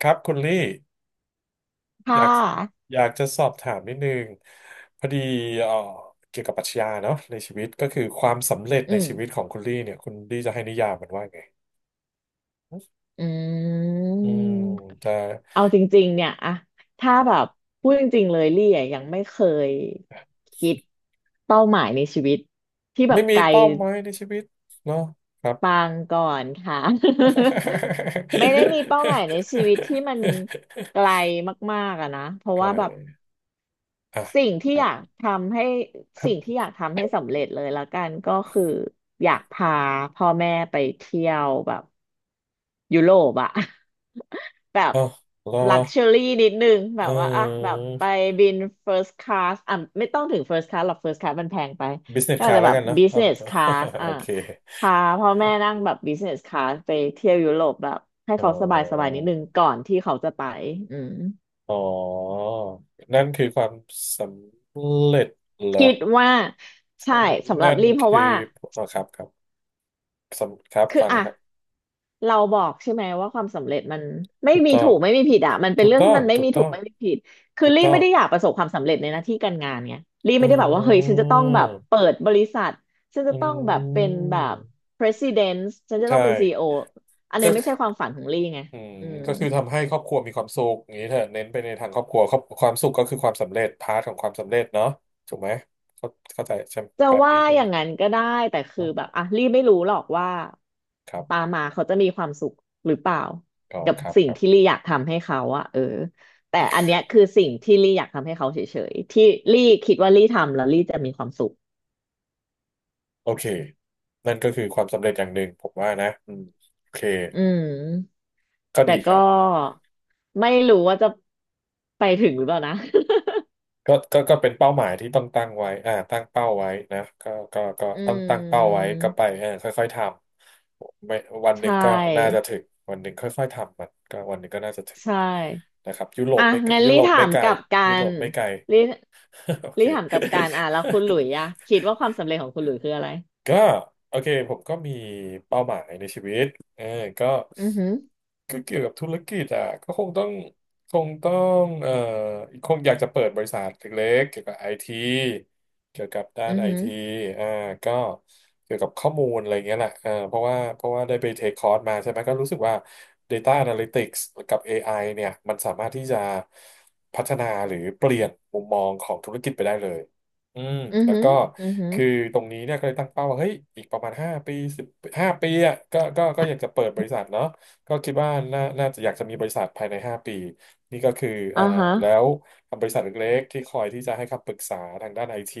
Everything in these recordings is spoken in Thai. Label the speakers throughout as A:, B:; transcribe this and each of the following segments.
A: ครับคุณลี่อ
B: ค่
A: ยาก
B: ะ
A: อยากจะสอบถามนิดนึงพอดีเอ่อเกี่ยวกับปรัชญาเนาะในชีวิตก็คือความสำเร็จ
B: อื
A: ใน
B: ม
A: ชีวิตของคุณลี่เนี่ยคุณลี่จะให้นิยามมันว่าไง
B: อื
A: อืม
B: ม
A: จะ
B: เอาจริงๆ เนี่ยอะถ้าแบบพูดจริงๆ เลยลี่อะยังไม่เคยคิดเป้าหมายในชีวิตที่แบ
A: ไม่
B: บ
A: มี
B: ไกล
A: เป้าหมายในชีวิตเนาะครับ
B: ปางก่อนค่ะ ไม่ได้มีเป้าหมายในชีวิตที่มันไกล มากๆอะนะ เพราะ
A: ใคร
B: ว่าแบบ
A: อ่ะ
B: สิ่งที่
A: ครั
B: อ
A: บ
B: ยากทำให้สิ่งที่อยา กทำให้สำเร็จเลยละกันก็คืออยากพาพ่อแม่ไปเที่ยวแบบยุโรปอะ แบบ
A: อ๋อรอ
B: ลักชัวรี่นิดนึงแบบ
A: เอ่
B: ว่าอะแบ
A: อ
B: บไปบิน first class อ่ะไม่ต้องถึง first class หรอก first class มันแพงไป
A: business
B: ก็อาจ
A: class
B: จะ
A: แล้
B: แบ
A: ว
B: บ
A: กันเนาะครับ
B: business class อ่ะ
A: โอเค
B: พาพ่อแม่นั่งแบบ business class ไปเที่ยวยุโรปแบบให้
A: อ๋อ
B: เขาสบายสบายนิดนึงก่อนที่เขาจะไปอืม
A: อ๋อนั่นคือความสำเร็จเหรอ
B: คิดว่าใช่สำหรับ
A: นั่น
B: รีเพราะ
A: คือ
B: ว่า
A: อ๋อครับครับสำครับ
B: คือ
A: ฟัง
B: อ่ะ
A: ครับ
B: เราบอกใช่ไหมว่าความสำเร็จมันไม่
A: ถูก
B: มี
A: ต้อ
B: ถู
A: ง
B: กไม่มีผิดอ่ะมันเป็
A: ถู
B: น
A: ก
B: เรื่อง
A: ต้อ
B: ที่
A: ง
B: มันไม่
A: ถูก
B: มี
A: ต้
B: ถู
A: อ
B: ก
A: ง
B: ไม่มีผิดคือ
A: ถูก
B: รี
A: ต้อ
B: ไม่
A: ง
B: ได้อยากประสบความสำเร็จในหน้าที่การงานไงรีไม่
A: อื
B: ได้แบบว่าเฮ้ยฉันจะต้องแบบ
A: ม
B: เปิดบริษัทฉันจะ
A: อ
B: ต้องแบบ
A: ื
B: เป็นแบบ
A: ม
B: president ฉันจะต้
A: ใช่
B: องเป็น CEO อโออันนี้
A: ก็
B: ไม่
A: คื
B: ใช่
A: อ
B: ความฝันของรีไง
A: อืม
B: อืม
A: ก็คือทำให้ครอบครัวมีความสุขอย่างนี้เถอะเน้นไปในทางครอบครัวครอบความสุขก็คือความสำเร็จพาร์ทของความสำเร็จเนาะถูกไหมเข้าเข้าใจใช่ไหม
B: จะ
A: แบบ
B: ว่า
A: นี้ใช่
B: อ
A: ไหม
B: ย่างนั้นก็ได้แต่คือ
A: เนาะ
B: แบบอ่ะลี่ไม่รู้หรอกว่า
A: ครั
B: ตา
A: บ
B: มมาเขาจะมีความสุขหรือเปล่า
A: อ๋อ
B: กับ
A: ครับ
B: สิ่
A: ค
B: ง
A: รับ
B: ที่ลี่อยากทำให้เขาอะแต่อันเนี้ยคือสิ่งที่ลี่อยากทำให้เขาเฉยๆที่ลี่คิดว่าลี่ทำแล้วลี่จะมีความสุข
A: โอเค นั่นก็คือความสำเร็จอย่างหนึ่งผมว่านะอืมโอเค
B: อืม
A: ก็
B: แต่
A: ดีค
B: ก็
A: รับ
B: ไม่รู้ว่าจะไปถึงหรือเปล่านะ
A: ก็เป็นเป้าหมายที่ต้องตั้งไว้อ่าตั้งเป้าไว้นะก็
B: อื
A: ต้องตั้งเป้าไว้
B: ม
A: ก็ไปเออค่อยๆทำไม่วันห
B: ใช
A: นึ่งก็น่าจะ
B: ่
A: ถึงวันหนึ่งค่อยๆทำมันก็วันหนึ่งก็น่าจะถึง
B: ใช่
A: นะครับยุโรป
B: อ่ะ
A: ไม่
B: งั้น
A: ยุโรปไม่ไกลยุโร
B: น
A: ปไม่ไกล
B: รี
A: โอเค
B: รีถามกลับกันอ่ะแล้วคุณหลุยอะคิดว่าความสำเร็จของคุณหลุยคืออะไร
A: ก็โอเคผมก็มีเป้าหมายในชีวิตเออก็
B: อือหือ
A: ก็เกี่ยวกับธุรกิจอ่ะก็คงต้องคงอยากจะเปิดบริษัทเล็กๆเกี่ยวกับไอทีเกี่ยวกับด้า
B: อื
A: น
B: อ
A: ไอ
B: หือ
A: ทีอ่าก็เกี่ยวกับข้อมูลอะไรเงี้ยแหละเออเพราะว่าได้ไปเทคคอร์สมาใช่ไหมก็รู้สึกว่า Data Analytics กับ AI เนี่ยมันสามารถที่จะพัฒนาหรือเปลี่ยนมุมมองของธุรกิจไปได้เลย อืม
B: อือ
A: แล้ว
B: หือ
A: ก็
B: อือหือ
A: คือตรงนี้เนี่ยก็เลยตั้งเป้าว่าเฮ้ยอีกประมาณห้าปีห้าปีอ่ะก็อยากจะเปิดบริษัทเนาะก็คิดว่าน่าจะอยากจะมีบริษัทภายในห้าปีนี่ก็คือ
B: อ่า
A: อ่า
B: ฮะ
A: แล้วบริษัทเล็กๆที่คอยที่จะให้คำปรึกษาทางด้านไอที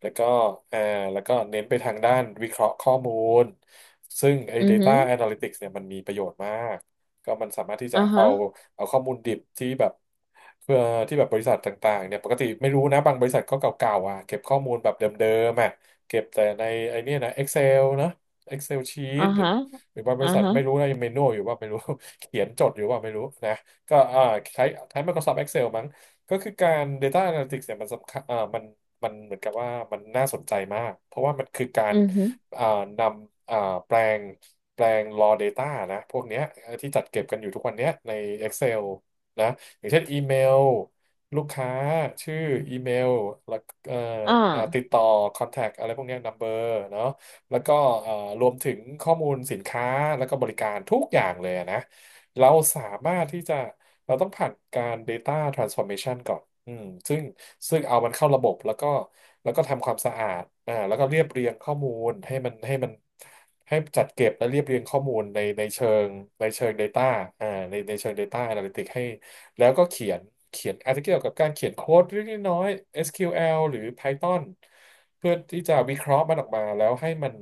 A: แล้วก็อ่าแล้วก็เน้นไปทางด้านวิเคราะห์ข้อมูลซึ่งไอ้
B: อือหื
A: data
B: อ
A: analytics เนี่ยมันมีประโยชน์มาก ก็มันสามารถที่จะ
B: อ่า
A: เอา
B: ฮะ
A: ข้อมูลดิบที่แบบเพื่อที่แบบบริษัทต่างๆเนี่ยปกติไม่รู้นะบางบริษัทก็เก่าๆอ่ะเก็บข้อมูลแบบเดิมๆอ่ะเก็บแต่ในไอเนี่ยนะ Excel นะ Excel
B: อ่า
A: sheet หรือ
B: ฮะ
A: บางบ
B: อ่า
A: ริษัท
B: ฮะ
A: ไม่รู้นะยังเมนูอยู่ว่าไม่รู้ เขียนจดอยู่ว่าไม่รู้นะก็อ่าใช้ใช้ Microsoft Excel มั้งก็คือการ Data Analytics เนี่ยมันสำคัญอ่ามันเหมือนกับว่ามันน่าสนใจมากเพราะว่ามันคือกา
B: อื
A: ร
B: อหือ
A: เอ่อนำแปลงแปลง raw data นะพวกเนี้ยที่จัดเก็บกันอยู่ทุกวันเนี้ยใน Excel นะอย่างเช่นอีเมลลูกค้าชื่ออีเมลแล้วเอ่อ
B: อ่า
A: ติดต่อ contact อะไรพวกเนี้ย number เนาะแล้วก็เอ่อรวมถึงข้อมูลสินค้าแล้วก็บริการทุกอย่างเลยอะนะ เราสามารถที่จะเราต้องผ่านการ Data Transformation ก่อนอืมซึ่งซึ่งเอามันเข้าระบบแล้วก็ทำความสะอาดอ่าแล้วก็เรียบเรียงข้อมูลให้มันให้จัดเก็บและเรียบเรียงข้อมูลในเชิงData อ่าในเชิง Data Analytics ให้แล้วก็เขียนอาจจะเกี่ยวกับการเขียนโค้ดเล็กๆน้อยๆ SQL หรือ Python เพื่อที่จะวิเคราะห์มันออกมาแล้วให้มัน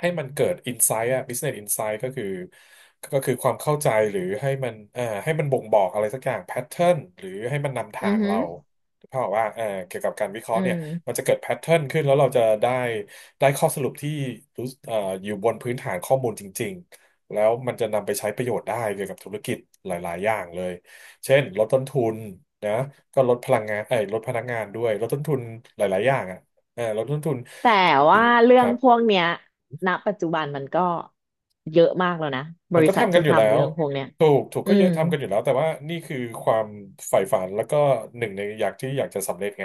A: เกิด insight อะ business insight ก็คือความเข้าใจหรือให้มันให้มันบ่งบอกอะไรสักอย่าง pattern หรือให้มันนำ
B: อื
A: ทา
B: อ
A: ง
B: หือ
A: เราเพราะว่าเกี่ยวกับการวิเคราะ
B: อื
A: ห์เนี่ยมัน
B: ม
A: จะเกิด pattern ขึ้นแล้วเราจะได้ข้อสรุปที่รู้อยู่บนพื้นฐานข้อมูลจริงๆแล้วมันจะนำไปใช้ประโยชน์ได้เกี่ยวกับธุรกิจหลายๆอย่างเลยเช่นลดต้นทุนนะก็ลดพลังงานเอ้ยลดพนักงานด้วยลดต้นทุนหลายๆอย่างอ่ะเออลดต้นทุน
B: แต่
A: สิ
B: ว่า
A: น
B: เรื่
A: ค
B: อง
A: รับ
B: พวกเนี้ยณปัจจุบันมันก็เยอะมากแล้วนะบ
A: มัน
B: ริ
A: ก็
B: ษัท
A: ทำกั
B: ที่
A: นอยู่แล้
B: ทำ
A: ว
B: เรื่องพวกเนี้ย
A: ถูกถูก
B: อื
A: ก็เย
B: ม
A: อะทำกันอยู่แล้ว แต่ว่านี่คือความใฝ่ฝันแล้วก็หนึ่งในอยากที่อยากจะสำเร็จไง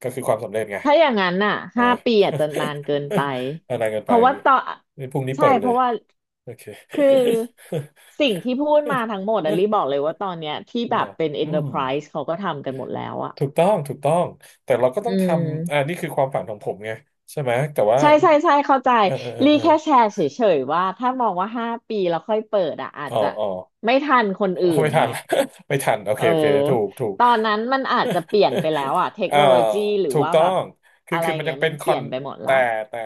A: ก็คือความสำเร็จไง
B: ถ้าอย่างนั้นน่ะ
A: อ่า
B: 5 ปีอาจจะนานเกินไป
A: อะไรกัน
B: เพ
A: ไป
B: ราะ
A: อย่าง
B: ว่า
A: นี้
B: ต่อ
A: นี่พรุ่งนี้
B: ใช่
A: เปิด
B: เพ
A: เลย
B: ราะว่า
A: โอเค
B: คือสิ่งที่พูดมาทั้งหมดอะ ลี่บอกเลยว่าตอนเนี้ยที่แบ
A: เหร
B: บ
A: อ
B: เป็น
A: อืม
B: enterprise เขาก็ทำกันหมดแล้วอะ
A: ถูกต้องถูกต้อง แต่เราก็ต้
B: อื
A: องทำ
B: ม
A: นี่คือความฝันของผมไงใช่ไหมแต่ว่า
B: ใช่ใช่ใช่เข้าใจ
A: เออเออเออ
B: ลี่
A: เออ
B: แค่แชร์เฉยๆว่าถ้ามองว่าห้าปีแล้วค่อยเปิดอะอาจ
A: อ๋อ
B: จะ
A: อ๋อ
B: ไม่ทันคนอื่ น
A: ไม่ทั
B: ไง
A: นละ ไม่ทันโอ
B: เอ
A: เค
B: อ
A: โอเคถูก
B: ตอนนั้นมันอาจจะเปลี่ยนไปแล้วอะเท ค
A: เอ่อ
B: โนโลยีหรือ
A: ถูก
B: ว่า
A: ต้อ
B: แบบ
A: งคือ
B: อะไร
A: คือมัน
B: เงี้
A: ยั
B: ย
A: ง
B: มั
A: เป็
B: น
A: นค
B: เป
A: อ
B: ลี่ย
A: น
B: นไปหมดละ
A: แต่แต่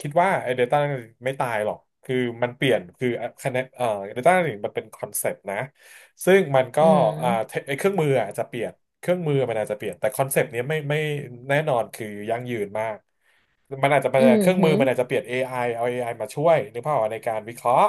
A: คิดว่าไอ้ data Analytics ไม่ตายหรอกคือมันเปลี่ยนคือคะแนนdata Analytics มันเป็นคอนเซปต์นะซึ่งมันก็
B: อื
A: เท
B: ม
A: ไอ้เครื่องมืออาจจะเปลี่ยนเครื่องมือมันอาจจะเปลี่ยนแต่คอนเซปต์นี้ยไม่แน่นอนคือยั่งยืนมาก มันอาจจะเป็น
B: อืม
A: เครื่อง
B: ฮึ
A: มือมันอาจจะเปลี่ยน AI เอา AI มาช่วยนึกภาพออกในการวิเคราะห์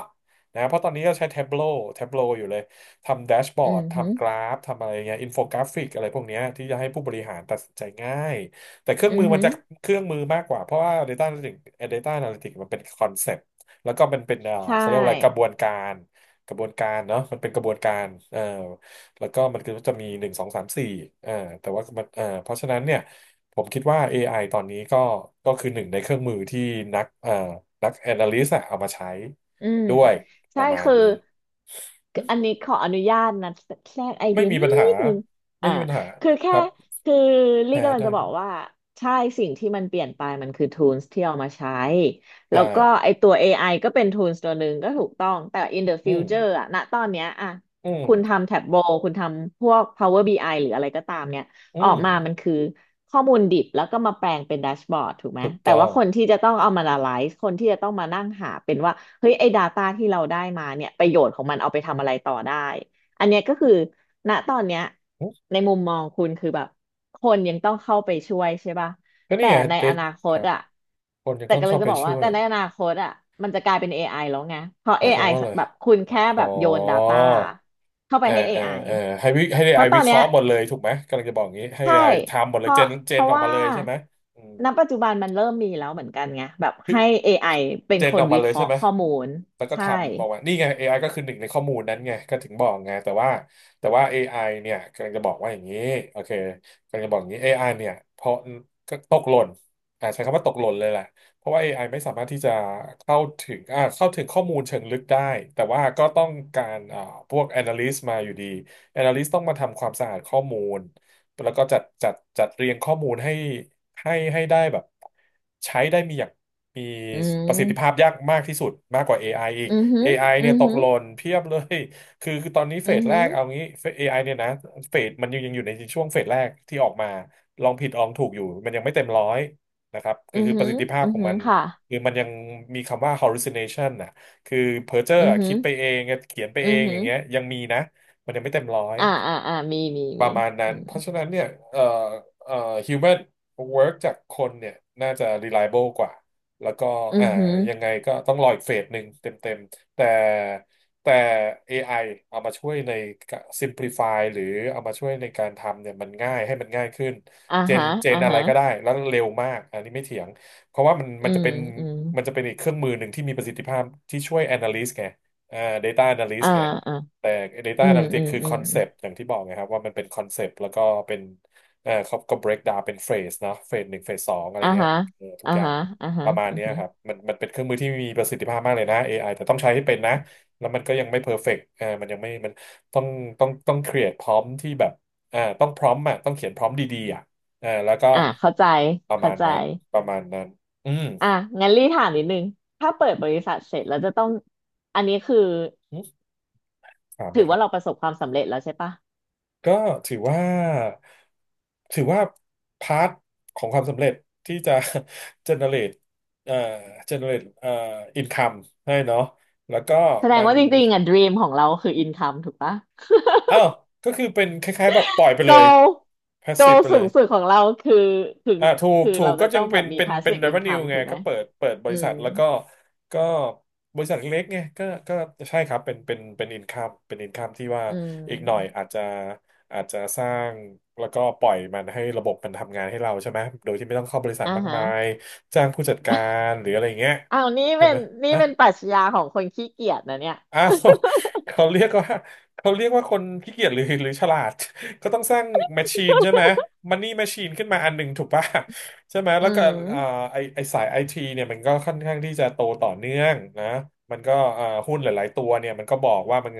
A: นะเพราะตอนนี้ก็ใช้ Tableau Tableau อยู่เลยทำแดชบอ
B: อื
A: ร์ด
B: อหือ
A: ทำกราฟทำอะไรเงี้ยอินโฟกราฟิกอะไรพวกเนี้ยที่จะให้ผู้บริหารตัดสินใจง่ายแต่เครื่อง
B: อื
A: มื
B: อ
A: อมั
B: หื
A: น
B: อ
A: จะเครื่องมือมากกว่าเพราะว่า Data Analytics Data Analytics มันเป็นคอนเซปต์แล้วก็มันเป็น
B: ใช่
A: เขาเรียกว่าอะไรกระบวนการกระบวนการเนาะมันเป็นกระบวนการเอ่อแล้วก็มันก็จะมีหนึ่งสองสามสี่เอ่อแต่ว่ามันเพราะฉะนั้นเนี่ย ผมคิดว่า AI ตอนนี้ก็คือหนึ่งในเครื่องมือที่นักนัก Analyst อะเอามาใช้
B: อืม
A: ด้วยป
B: ใช่
A: ระมาณ
B: คือ
A: นี้อื
B: อัน
A: ม
B: นี้ขออนุญาตนะแทรกไอ
A: ไม่
B: เดีย
A: มี
B: นิ
A: ปัญหา
B: ดนึง
A: ไม่
B: อ่า
A: มีปัญหา
B: คือ
A: ค
B: แค่
A: รับ
B: คือลี่
A: แพ้
B: กำลัง
A: ได้
B: จะบ
A: ค
B: อ
A: รั
B: ก
A: บ
B: ว่าใช่สิ่งที่มันเปลี่ยนไปมันคือ tools ที่เอามาใช้แล้ว
A: ได้
B: ก็ไอตัว AI ก็เป็น tools ตัวหนึ่งก็ถูกต้องแต่ in the
A: อื
B: future
A: ม
B: อะณตอนเนี้ยอะ
A: อืม
B: คุณทำ Tableau คุณทำพวก Power BI หรืออะไรก็ตามเนี่ย
A: อื
B: ออก
A: ม
B: มามันคือข้อมูลดิบแล้วก็มาแปลงเป็นแดชบอร์ดถูกไหม
A: ถูก
B: แต่
A: ต้อ
B: ว่า
A: ง
B: คนที่จะต้องเอามา analyze คนที่จะต้องมานั่งหาเป็นว่า เฮ้ยไอ้ Data ที่เราได้มาเนี่ยประโยชน์ของมันเอาไปทำอะไรต่อได้ อันเนี้ยก็คือณตอนเนี้ย
A: อืม
B: ในมุมมองคุณคือแบบคนยังต้องเข้าไปช่วยใช่ป่ะ
A: ก็นี่
B: แต่
A: ไง
B: ใน
A: เด็
B: อ
A: ด
B: นาค
A: ค
B: ต
A: รับ
B: อะ
A: คนยัง
B: แต่
A: ต้อง
B: กำลั
A: เข้า
B: งจะ
A: ไป
B: บอก
A: ช่
B: ว่า
A: วย
B: แต่ในอนาคตอะมันจะกลายเป็น AI แล้วไงเพราะ
A: ห
B: เอ
A: มายควา
B: ไอ
A: มว่าอะไร
B: แบบคุณแค่
A: อ๋
B: แบ
A: อ
B: บโยน Data เข้า
A: เอ
B: ไป
A: อ
B: ให้
A: เออ
B: AI
A: เออให้วิให้
B: เพ
A: AI
B: ราะตอ
A: วิ
B: น
A: เค
B: เนี้
A: ราะ
B: ย
A: ห์หมดเลยถูกไหมกำลังจะบอกอย่างนี้ให้
B: ใช่
A: AI ทำหมด
B: เพ
A: เลยเจ
B: ราะ
A: นเจ
B: เพ
A: น
B: ราะ
A: ออกมา
B: ว่า
A: เลยใช่ไหมอืม
B: ณปัจจุบันมันเริ่มมีแล้วเหมือนกันไงแบบให้ AI เป็น
A: เจน
B: ค
A: อ
B: น
A: อกมา
B: วิ
A: เล
B: เค
A: ยใช่
B: ราะห์
A: ไหม
B: ข้อมูล
A: แล้วก็
B: ใช่
A: ทำออกมานี่ไงเอไ i ก็คือหนึ่งในข้อมูลนั้นไงก็ถึงบอกไงแต่ว่าแต่ว่า AI เนี่ยกำลังจะบอกว่าอย่างนี้โอเคกำลังจะบอกอย่างนี้เอไอเนี่ยเพราะก็ตกหล่นใช้คำว่าตกหล่นเลยแหละเพราะว่า AI ไอไม่สามารถที่จะเข้าถึงเข้าถึงข้อมูลเชิงลึกได้แต่ว่าก็ต้องการพวก analyst มาอยู่ดี analyst ต้องมาทำความสะอาดข้อมูลแล้วก็จัดเรียงข้อมูลให้ให้ได้แบบใช้ได้มีอย่าง มี
B: อื
A: ประสิทธิภา
B: ม
A: พยากมากที่สุดมากกว่า AI อไออีก
B: อือหือ
A: AI
B: อื
A: เนี่ย
B: อ
A: ตก
B: หือ
A: หล่นเพียบเลย คือตอนนี้เฟ
B: อือ
A: สแร
B: หือ
A: กเอางี้เฟส AI เนี่ยนะเฟสมันยังอยู่ในช่วงเฟสแรกที่ออกมาลองผิดลองถูกอยู่มันยังไม่เต็มร้อยนะครับก็
B: อือ
A: คือป
B: หื
A: ระ
B: อ
A: สิทธิภาพ
B: อือ
A: ของ
B: หือ
A: มัน
B: ค่ะ
A: คือมันยังมีคำว่า hallucination น่ะคือเพ้อเจ้อ
B: อือ
A: อะ
B: หื
A: คิ
B: อ
A: ดไปเองเขียนไป
B: อื
A: เอ
B: อ
A: ง
B: หื
A: อ
B: อ
A: ย่างเงี้ยยังมีนะมันยังไม่เต็มร้อย
B: อ่าอ่าอ่ามีมี
A: ป
B: มี
A: ระมาณนั้
B: อื
A: นเพ
B: ม
A: ราะฉะนั้นเนี่ยเอ่อเอ่อ human work จากคนเนี่ยน่าจะ reliable กว่าแล้วก็
B: อื
A: อ่า
B: อหือ
A: ยังไงก็ต้องรออีกเฟสหนึ่งเต็มๆแต่ AI เอามาช่วยใน simplify หรือเอามาช่วยในการทำเนี่ยมันง่ายให้มันง่ายขึ้น
B: อ่า
A: เจน
B: ฮะ
A: เจ
B: อ่า
A: นอะไร
B: ฮะ
A: ก็ได้แล้วเร็วมากอันนี้ไม่เถียงเพราะว่ามัน
B: อื
A: มันจะ
B: ม
A: เป็น
B: อืม
A: มันจะเป็นอีกเครื่องมือหนึ่งที่มีประสิทธิภาพที่ช่วย analyst ไงอ่า data
B: อ่า
A: analyst ไง
B: อ่า
A: แต่ Data
B: อืมอื
A: Analytics
B: ม
A: คือ
B: อื
A: ค
B: ม
A: อนเซ
B: อืม
A: ปต์อย่างที่บอกไงครับว่ามันเป็นคอนเซปต์แล้วก็เป็นเออเขาก็ break down เป็นเฟสนะเฟสหนึ่งเฟสสองอะไร
B: อ่า
A: เงี้ย
B: ฮะ
A: เออทุก
B: อ่า
A: อย่าง
B: ฮะอ่า
A: ป
B: ฮะ
A: ระมาณ
B: อ่า
A: เนี้ยครั
B: ฮะ
A: บมันเป็นเครื่องมือที่มีประสิทธิภาพมากเลยนะ AI แต่ต้องใช้ให้เป็นนะแล้วมันก็ยังไม่เพอร์เฟกต์เออมันยังไม่มันต้องต้อง create พร้อมที่แบบเออต้องพร้อมอ่ะต้องเขียนพร้อมดีๆอ่ะเออแล้วก็
B: อ่าเข้าใจ
A: ประ
B: เข้า
A: มาณ
B: ใจ
A: นั้นประมาณนั้นอืม
B: อ่ะงั้นรีถามนิดนึงถ้าเปิดบริษัทเสร็จแล้วจะต้อง อันนี้คือ
A: อืมถามเล
B: ถื
A: ย
B: อ
A: ครั
B: ว่า
A: บ
B: เราประสบความสำเร็จแล้วใช่ปะ
A: ก็ถือว่าถือว่าพาร์ทของความสำเร็จที่จะ generate เอ่อ generate income ให้เนาะแล้วก็
B: แสด
A: มั
B: ง
A: น
B: ว่าจริงๆอ่ะ dream ของเราคือ income ถูกปะ
A: อ้าวก็คือเป็นคล้ายๆแบบปล่อยไป
B: โก
A: เลย
B: โก
A: passive ไป
B: สู
A: เล
B: ง
A: ย
B: สุดของเราคือคือ
A: ถูก
B: คือ
A: ถูก
B: เรา
A: ก็
B: จะต้
A: ยั
B: อ
A: ง
B: งแบบมี
A: เป็น
B: passive
A: revenue
B: income
A: ไง
B: ถูกไหม
A: ก็เปิดบ
B: อื
A: ริษั
B: ม
A: ทแล้วก็ก็บริษัทเล็กไงก็ใช่ครับเป็นอินคัมเป็นอินคัมที่ว่า
B: อื
A: อีกหน่อย
B: ม
A: อาจจะสร้างแล้วก็ปล่อยมันให้ระบบมันทำงานให้เราใช่ไหมโดยที่ไม่ต้องเข้าบริษัท
B: อ่า
A: มาก
B: ฮะ
A: มายจ้างผู้จัดการหรืออะไรอย่างเงี้ย
B: อ้าวนี่
A: ใช่
B: เป็
A: ไหม
B: นนี่
A: ะ
B: เป็นปรัชญาของคนขี้เกียจนะเนี่ย
A: อ้าวเขาเรียกว่าเขาเรียกว่าคนขี้เกียจหรือฉลาดก็ต้องสร้างแมชชีนใช่ไหมมันนี่แมชชีนขึ้นมาอันหนึ่งถูกป่ะใช่ไหม
B: อื
A: แล้วก็เอ่อ
B: ม
A: ไอไอสายไอทีเนี่ยมันก็ค่อนข้างที่จะโตต่อเนื่องนะมันก็หุ้นหลายๆตัวเนี่ยมันก็บอกว่ามัน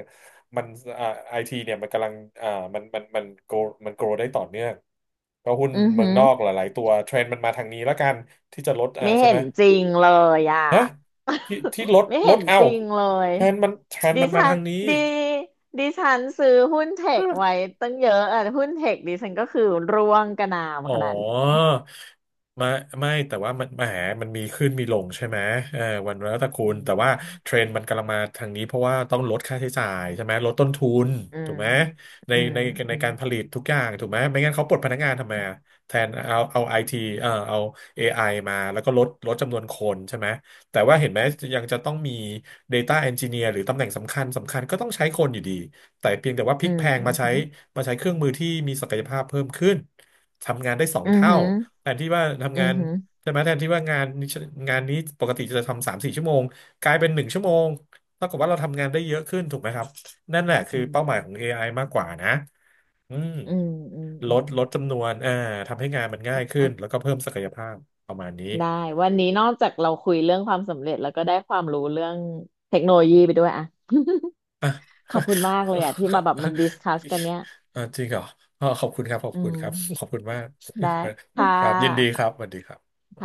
A: มันไอทีเนี่ยมันกำลังมันมันโกรได้ต่อเนื่องก็หุ้น
B: อือ
A: เมื
B: หื
A: อง
B: อ
A: นอกหลายๆตัวเทรนด์มันมาทางนี้แล้วกันที่จะลด
B: ไม่
A: ใช่
B: เห็
A: ไหม
B: นจริงเลยอ่ะ
A: นะที่ที่รถ
B: ไม่
A: ร
B: เห็
A: ถ
B: น
A: เอา
B: จริงเลย
A: แทนมันแทน
B: ดิ
A: มันมา
B: ฉั
A: ทา
B: น
A: งนี้
B: ดีดิฉันซื้อหุ้นเทคไว้ตั้งเยอะอ่ะหุ้นเทคดิฉันก็คือร่วงกระนาว
A: อ๋
B: ข
A: อ
B: นาดนี้
A: ไม่ไม่แต่ว่ามันแหมมันมีขึ้นมีลงใช่ไหมเออวันแล้วแต่คุ
B: อื
A: ณแต่ว่า
B: ม
A: เทรนด์มันกำลังมาทางนี้เพราะว่าต้องลดค่าใช้จ่ายใช่ไหมลดต้นทุน
B: อื
A: ถู
B: ม
A: กไหมใน
B: อืม
A: ในใน
B: อืม
A: การผลิตทุกอย่างถูกไหมไม่งั้นเขาปลดพนักงานทำไมอะแทนเอาไอทีเออเอา AI มาแล้วก็ลดจำนวนคนใช่ไหมแต่ว่าเห็นไหมยังจะต้องมี Data Engineer หรือตำแหน่งสำคัญสำคัญก็ต้องใช้คนอยู่ดีแต่เพียงแต่ว่าพลิ
B: อื
A: กแพลงมาใช้
B: ม
A: มาใช้เครื่องมือที่มีศักยภาพเพิ่มขึ้น ทำงานได้สอง
B: อืม
A: เท่า
B: อืม
A: แทนที่ว่า
B: อื
A: ทำงาน
B: ม
A: ใช่ไหมแทนที่ว่างานนี้ปกติจะทำ3-4 ชั่วโมงกลายเป็น1 ชั่วโมงเท่ากับว่าเราทำงานได้เยอะขึ้นถูกไหมครับนั่นแหละคือ
B: อืม
A: เป้าหมายของ AI มากกว่านะอืม
B: อืมอื
A: ลด
B: ม
A: ลดจำนวนทำให้งานมันง่ายขึ้
B: อ่ะ
A: นแล้วก็เพิ่มศักยภาพประมาณนี้
B: ได้วันนี้นอกจากเราคุยเรื่องความสำเร็จแล้วก็ได้ความรู้เรื่องเทคโนโลยีไปด้วยอ่ะ ขอบคุณมากเลยอ่ะที่มาแบ บมันดิสคัสกันเนี้ย
A: อ่าจริงเหรออ๋อขอบคุณครับขอบ
B: อื
A: คุณครับขอบ
B: ม
A: คุณมาก
B: ได้ค่ะ
A: ครับยินดีค
B: ค่ะ
A: รับสวัสดีครับ
B: ค่ะ